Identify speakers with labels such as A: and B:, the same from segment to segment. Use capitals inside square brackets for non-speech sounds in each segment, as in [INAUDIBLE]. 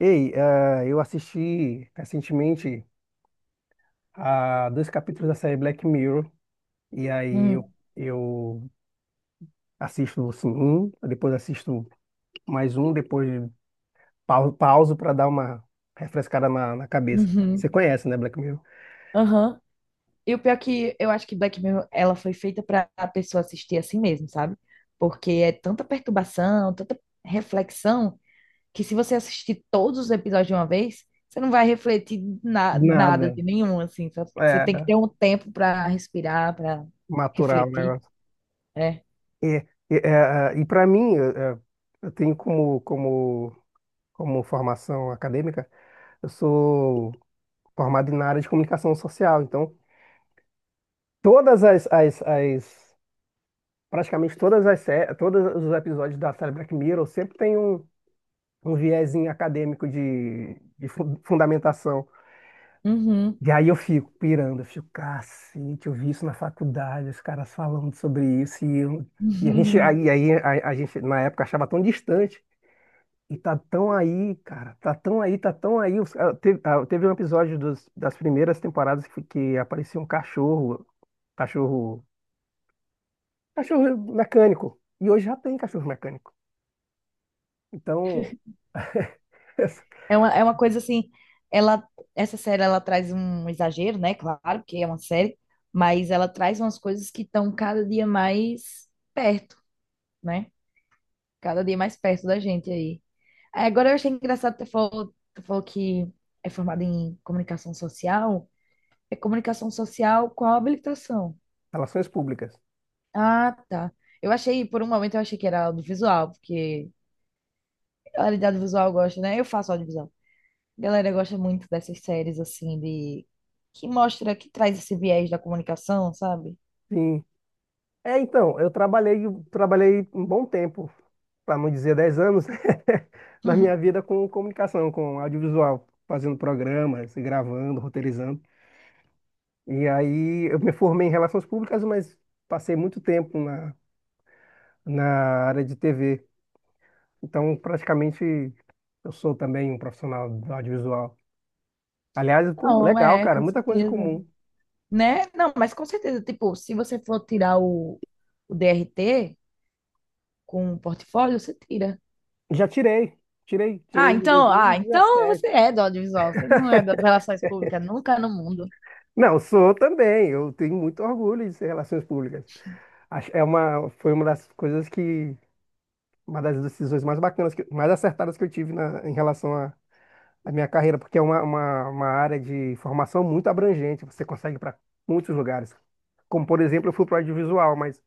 A: Ei, eu assisti recentemente a dois capítulos da série Black Mirror, e aí
B: Hum,
A: eu assisto assim, um, depois assisto mais um, depois pauso para dar uma refrescada na cabeça. Você
B: uhum,
A: conhece, né, Black Mirror?
B: aham. E o pior é que eu acho que Black Mirror, ela foi feita para a pessoa assistir assim mesmo, sabe? Porque é tanta perturbação, tanta reflexão, que se você assistir todos os episódios de uma vez, você não vai refletir nada
A: Nada.
B: de nenhum, assim. Você
A: É,
B: tem que ter um tempo para respirar, para
A: maturar o
B: refletir,
A: negócio.
B: né?
A: E para mim, eu eu tenho como formação acadêmica, eu sou formado na área de comunicação social, então todas as praticamente todos os episódios da série Black Mirror sempre tem um viezinho acadêmico de fundamentação.
B: Uhum.
A: E aí eu fico pirando, eu fico, cacete, eu vi isso na faculdade, os caras falando sobre isso, e a gente,
B: [LAUGHS]
A: aí a gente na época achava tão distante, e tá tão aí, cara, tá tão aí, tá tão aí. Teve um episódio das primeiras temporadas que aparecia um cachorro, cachorro, cachorro mecânico, e hoje já tem cachorro mecânico. Então, [LAUGHS]
B: É uma coisa assim, ela, essa série ela traz um exagero, né? Claro, porque é uma série, mas ela traz umas coisas que estão cada dia mais perto, né? Cada dia mais perto da gente aí. Aí, agora eu achei engraçado que tu falou que é formada em comunicação social. É comunicação social com a habilitação.
A: Relações públicas.
B: Ah, tá. Eu achei, por um momento eu achei que era audiovisual, porque a realidade visual eu gosto, né? Eu faço audiovisual. Galera gosta muito dessas séries assim de que mostra, que traz esse viés da comunicação, sabe?
A: Sim. É, então, eu trabalhei um bom tempo, para não dizer 10 anos, [LAUGHS] na
B: [LAUGHS]
A: minha vida com comunicação, com audiovisual, fazendo programas, gravando, roteirizando. E aí eu me formei em relações públicas, mas passei muito tempo na área de TV. Então, praticamente, eu sou também um profissional do audiovisual. Aliás, pô,
B: Não,
A: legal,
B: é,
A: cara,
B: com
A: muita coisa em
B: certeza.
A: comum.
B: Né? Não, mas com certeza, tipo, se você for tirar o DRT com o portfólio, você tira.
A: Já tirei
B: Ah,
A: em
B: então, ah, então você
A: 2017.
B: é do audiovisual, você não é das relações públicas nunca no mundo.
A: Não, sou também. Eu tenho muito orgulho de ser relações públicas. Foi uma das coisas uma das decisões mais bacanas, mais acertadas que eu tive em relação à à minha carreira, porque é uma área de formação muito abrangente. Você consegue ir para muitos lugares. Como, por exemplo, eu fui para o audiovisual, mas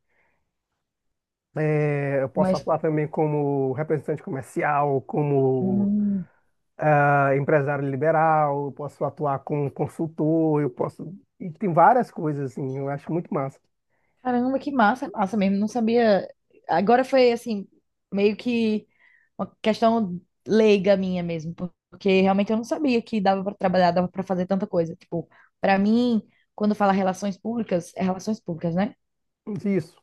A: eu posso
B: Mas,
A: atuar também como representante comercial, como
B: hum,
A: empresário liberal, eu posso atuar como consultor, eu posso. E tem várias coisas, assim, eu acho muito massa.
B: Caramba, que massa, massa mesmo, não sabia. Agora foi assim, meio que uma questão leiga minha mesmo, porque realmente eu não sabia que dava para trabalhar, dava para fazer tanta coisa. Tipo, para mim, quando fala relações públicas, é relações públicas, né?
A: Isso.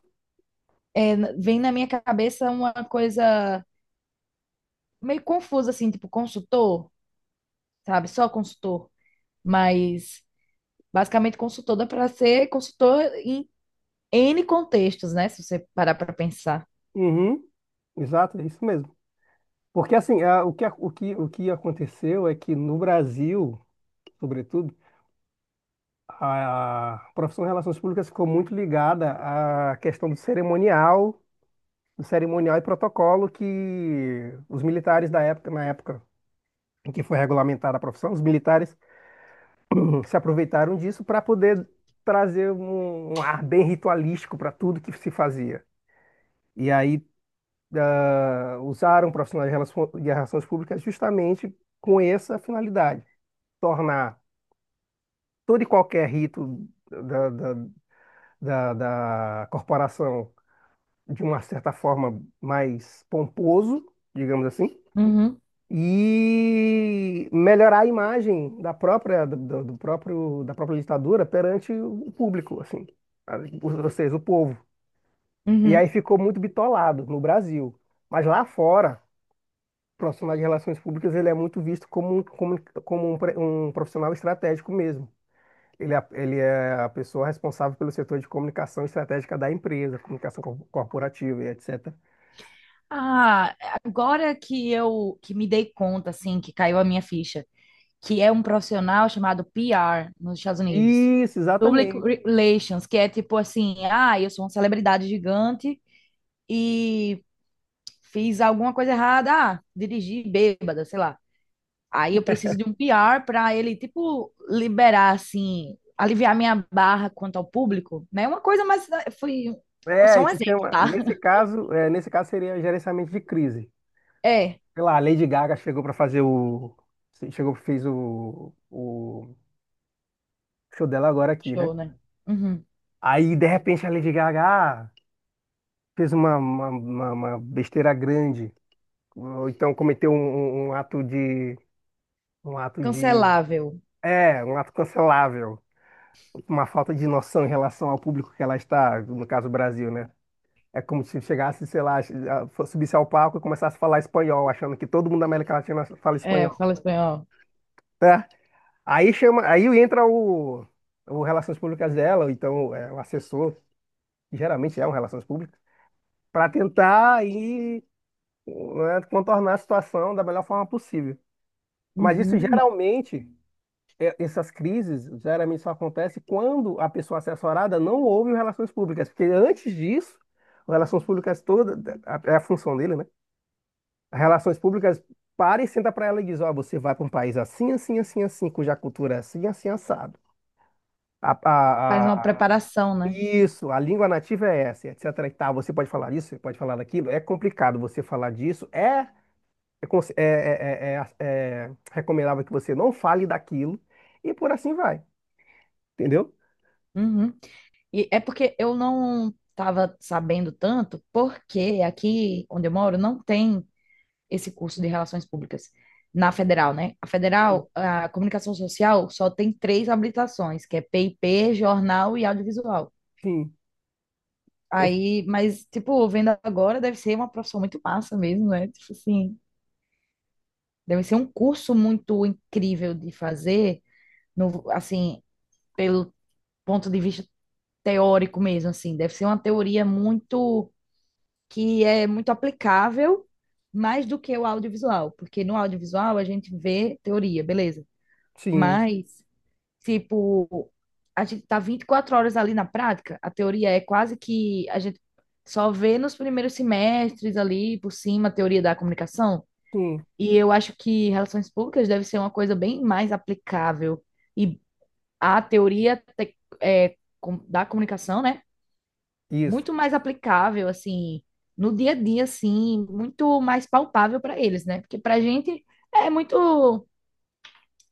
B: É, vem na minha cabeça uma coisa meio confusa assim, tipo consultor, sabe? Só consultor, mas basicamente consultor dá para ser consultor em N contextos, né? Se você parar para pensar.
A: Uhum, exato, é isso mesmo. Porque assim, o que aconteceu é que no Brasil, sobretudo, a profissão de relações públicas ficou muito ligada à questão do cerimonial e protocolo que os militares da época, na época em que foi regulamentada a profissão, os militares se aproveitaram disso para poder trazer um ar bem ritualístico para tudo que se fazia. E aí usaram profissionais de relações públicas justamente com essa finalidade, tornar todo e qualquer rito da, da corporação de uma certa forma mais pomposo, digamos assim,
B: Uhum,
A: e melhorar a imagem da própria do, do próprio da própria ditadura perante o público, assim, a- ou seja, o povo. E
B: uhum.
A: aí ficou muito bitolado no Brasil, mas lá fora profissional de relações públicas ele é muito visto como um profissional estratégico mesmo. Ele é a pessoa responsável pelo setor de comunicação estratégica da empresa, comunicação corporativa e etc.
B: Ah, agora que eu que me dei conta, assim, que caiu a minha ficha, que é um profissional chamado PR nos Estados Unidos.
A: Isso,
B: Public
A: exatamente.
B: Relations, que é tipo assim, ah, eu sou uma celebridade gigante e fiz alguma coisa errada, ah, dirigi bêbada, sei lá. Aí eu preciso de um PR para ele, tipo, liberar, assim, aliviar minha barra quanto ao público, né? Uma coisa, mas né, foi
A: É,
B: só um
A: isso
B: exemplo,
A: chama,
B: tá?
A: nesse
B: [LAUGHS]
A: caso, nesse caso seria gerenciamento de crise.
B: É,
A: Sei lá, a Lady Gaga chegou para fazer o, chegou fez o show dela agora aqui, né?
B: show, né? Uhum.
A: Aí de repente a Lady Gaga ah, fez uma besteira grande. Ou então cometeu um ato de. Um ato de.
B: Cancelável.
A: É, um ato cancelável. Uma falta de noção em relação ao público que ela está, no caso, o Brasil, né? É como se chegasse, sei lá, subisse ao palco e começasse a falar espanhol, achando que todo mundo da América Latina fala
B: É,
A: espanhol.
B: fala espanhol.
A: Tá? Aí chama, aí entra o Relações Públicas dela, ou então é, o assessor, que geralmente é um Relações Públicas, para tentar aí, né, contornar a situação da melhor forma possível. Mas isso
B: Uhum.
A: geralmente, essas crises geralmente só acontecem quando a pessoa assessorada não ouve o relações públicas, porque antes disso, o relações públicas toda é a função dele, né? As relações públicas para e senta para ela e diz: ó, você vai para um país assim, assim, assim, assim, cuja cultura é assim, assim, assado. A,
B: Faz
A: a-
B: uma
A: a-
B: preparação, né?
A: isso, a língua nativa é essa, etc. e tal. Você pode falar isso, você pode falar daquilo. É complicado você falar disso. É, conse- é, é é recomendável que você não fale daquilo. E por assim vai, entendeu?
B: Uhum. E é porque eu não estava sabendo tanto, porque aqui onde eu moro não tem esse curso de Relações Públicas na Federal, né? A
A: Sim.
B: Federal, a Comunicação Social só tem três habilitações, que é PIP, Jornal e Audiovisual.
A: Sim. Eu,
B: Aí, mas, tipo, vendo agora, deve ser uma profissão muito massa mesmo, né? Tipo assim, deve ser um curso muito incrível de fazer, no, assim, pelo ponto de vista teórico mesmo, assim. Deve ser uma teoria muito, que é muito aplicável, mais do que o audiovisual, porque no audiovisual a gente vê teoria, beleza.
A: sim,
B: Mas, tipo, a gente tá 24 horas ali na prática. A teoria é quase que a gente só vê nos primeiros semestres ali por cima a teoria da comunicação.
A: sim,
B: E eu acho que relações públicas deve ser uma coisa bem mais aplicável. E a teoria é, da comunicação, né?
A: isso.
B: Muito mais aplicável, assim, no dia a dia, assim, muito mais palpável para eles, né? Porque pra gente é muito.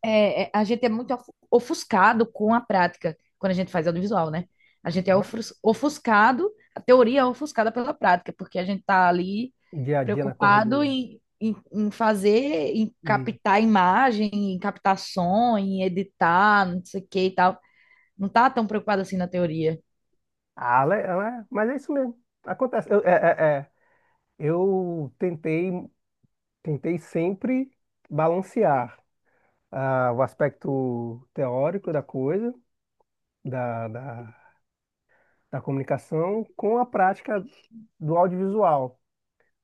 B: A gente é muito ofuscado com a prática quando a gente faz audiovisual, né? A gente é
A: Aham.
B: ofuscado, a teoria é ofuscada pela prática, porque a gente tá ali
A: Dia a dia na
B: preocupado
A: correria.
B: em fazer, em
A: E,
B: captar imagem, em captar som, em editar, não sei o que e tal. Não tá tão preocupado assim na teoria.
A: mas é isso mesmo. Acontece. Eu. Eu tentei sempre balancear o aspecto teórico da coisa, da, da, da comunicação, com a prática do audiovisual.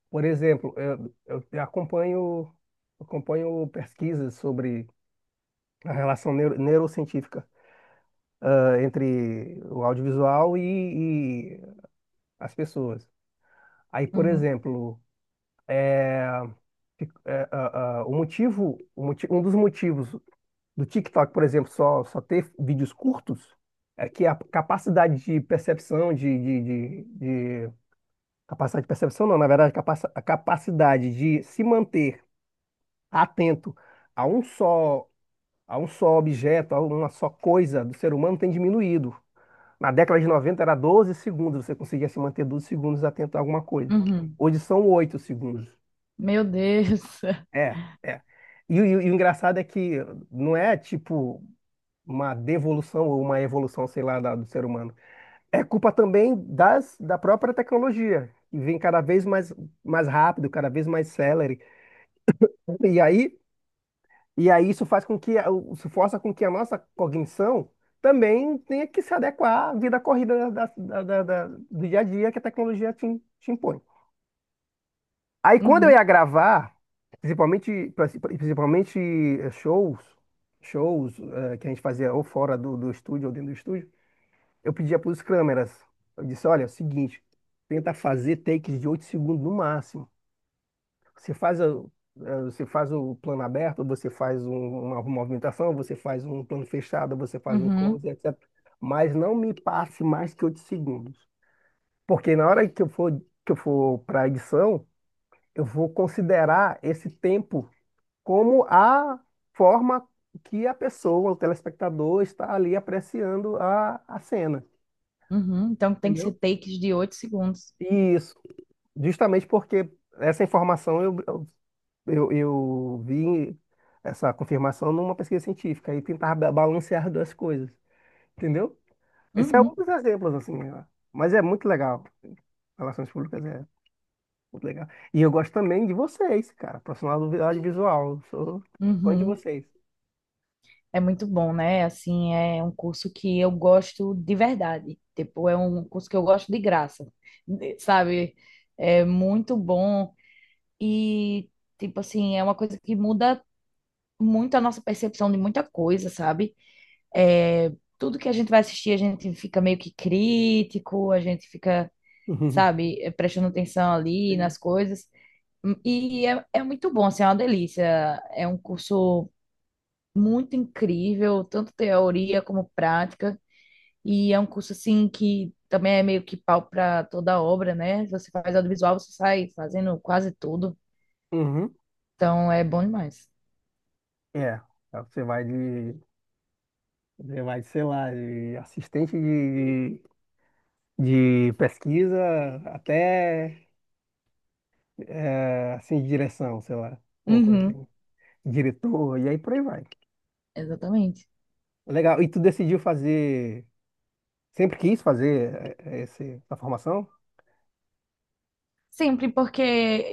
A: Por exemplo, eu acompanho pesquisas sobre a relação neurocientífica entre o audiovisual e as pessoas. Aí, por
B: Uhum,
A: exemplo, fi- é, ah, ah, o motivo, o moti- um dos motivos do TikTok, por exemplo, só ter vídeos curtos é que a capacidade de percepção, de, de- capacidade de percepção, não, na verdade, a capacidade de se manter atento a um só, a um só objeto, a uma só coisa do ser humano tem diminuído. Na década de 90 era 12 segundos, você conseguia se manter 12 segundos atento a alguma coisa.
B: uhum.
A: Hoje são 8 segundos.
B: Meu Deus. [LAUGHS]
A: É, é. E o engraçado é que não é tipo uma devolução ou uma evolução, sei lá, da- do ser humano. É culpa também da própria tecnologia, que vem cada vez mais, mais rápido, cada vez mais celere. E aí E aí isso faz com que, isso força com que a nossa cognição também tenha que se adequar à vida corrida do dia a dia que a tecnologia te impõe. Aí quando eu
B: Uhum,
A: ia gravar, principalmente eh, shows, shows, que a gente fazia ou fora do estúdio ou dentro do estúdio, eu pedia para os câmeras, eu disse, olha, é o seguinte, tenta fazer takes de 8 segundos no máximo. Você faz o plano aberto, uma movimentação, você faz um plano fechado, você faz um
B: uhum,
A: close, etc. Mas não me passe mais que 8 segundos. Porque na hora que eu for para a edição, eu vou considerar esse tempo como a forma que a pessoa, o telespectador, está ali apreciando a cena.
B: uhum. Então tem que ser
A: Entendeu?
B: takes de 8 segundos.
A: Isso. Justamente porque essa informação eu vi essa confirmação numa pesquisa científica e tentar balancear duas coisas, entendeu? Esse é um
B: Uhum,
A: dos exemplos, assim, ó. Mas é muito legal. Relações públicas é muito legal. E eu gosto também de vocês, cara, profissional do audiovisual. Eu sou fã de
B: uhum.
A: vocês.
B: É muito bom, né? Assim, é um curso que eu gosto de verdade. Tipo, é um curso que eu gosto de graça, [LAUGHS] sabe? É muito bom e, tipo assim, é uma coisa que muda muito a nossa percepção de muita coisa, sabe? É, tudo que a gente vai assistir, a gente fica meio que crítico, a gente fica,
A: [LAUGHS] Uhum.
B: sabe, é, prestando atenção ali
A: Sim.
B: nas coisas. E é muito bom, assim, é uma delícia. É um curso muito incrível, tanto teoria como prática, e é um curso assim que também é meio que pau para toda obra, né? Você faz audiovisual, você sai fazendo quase tudo,
A: Uhum.
B: então é bom demais.
A: É, você vai de, você vai de, sei lá, de assistente de pesquisa até assim, de direção, sei lá, uma coisa
B: Uhum.
A: assim, diretor, e aí por aí vai.
B: Exatamente.
A: Legal, e tu decidiu fazer, sempre quis fazer essa formação?
B: Sempre, porque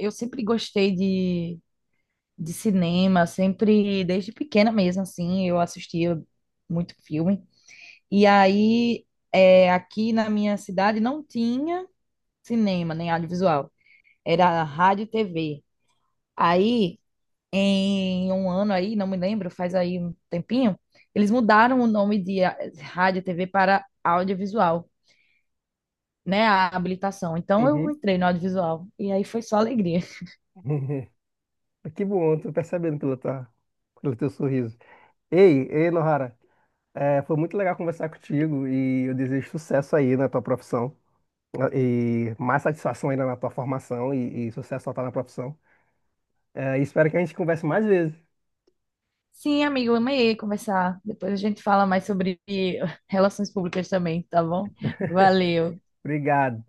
B: eu sempre gostei de cinema, sempre, desde pequena mesmo, assim, eu assistia muito filme. E aí, é, aqui na minha cidade não tinha cinema, nem audiovisual. Era rádio e TV. Aí, em um ano aí, não me lembro, faz aí um tempinho, eles mudaram o nome de rádio e TV para audiovisual, né? A habilitação. Então eu
A: Uhum.
B: entrei no audiovisual e aí foi só alegria.
A: [LAUGHS] Que bom, tô percebendo pelo, tua, pelo teu sorriso. Ei, ei, Nohara, é, foi muito legal conversar contigo e eu desejo sucesso aí na tua profissão. Né, e mais satisfação ainda na tua formação e sucesso total na profissão. É, e espero que a gente converse mais vezes.
B: Sim, amigo, eu amei conversar. Depois a gente fala mais sobre relações públicas também, tá bom? Valeu.
A: Obrigado.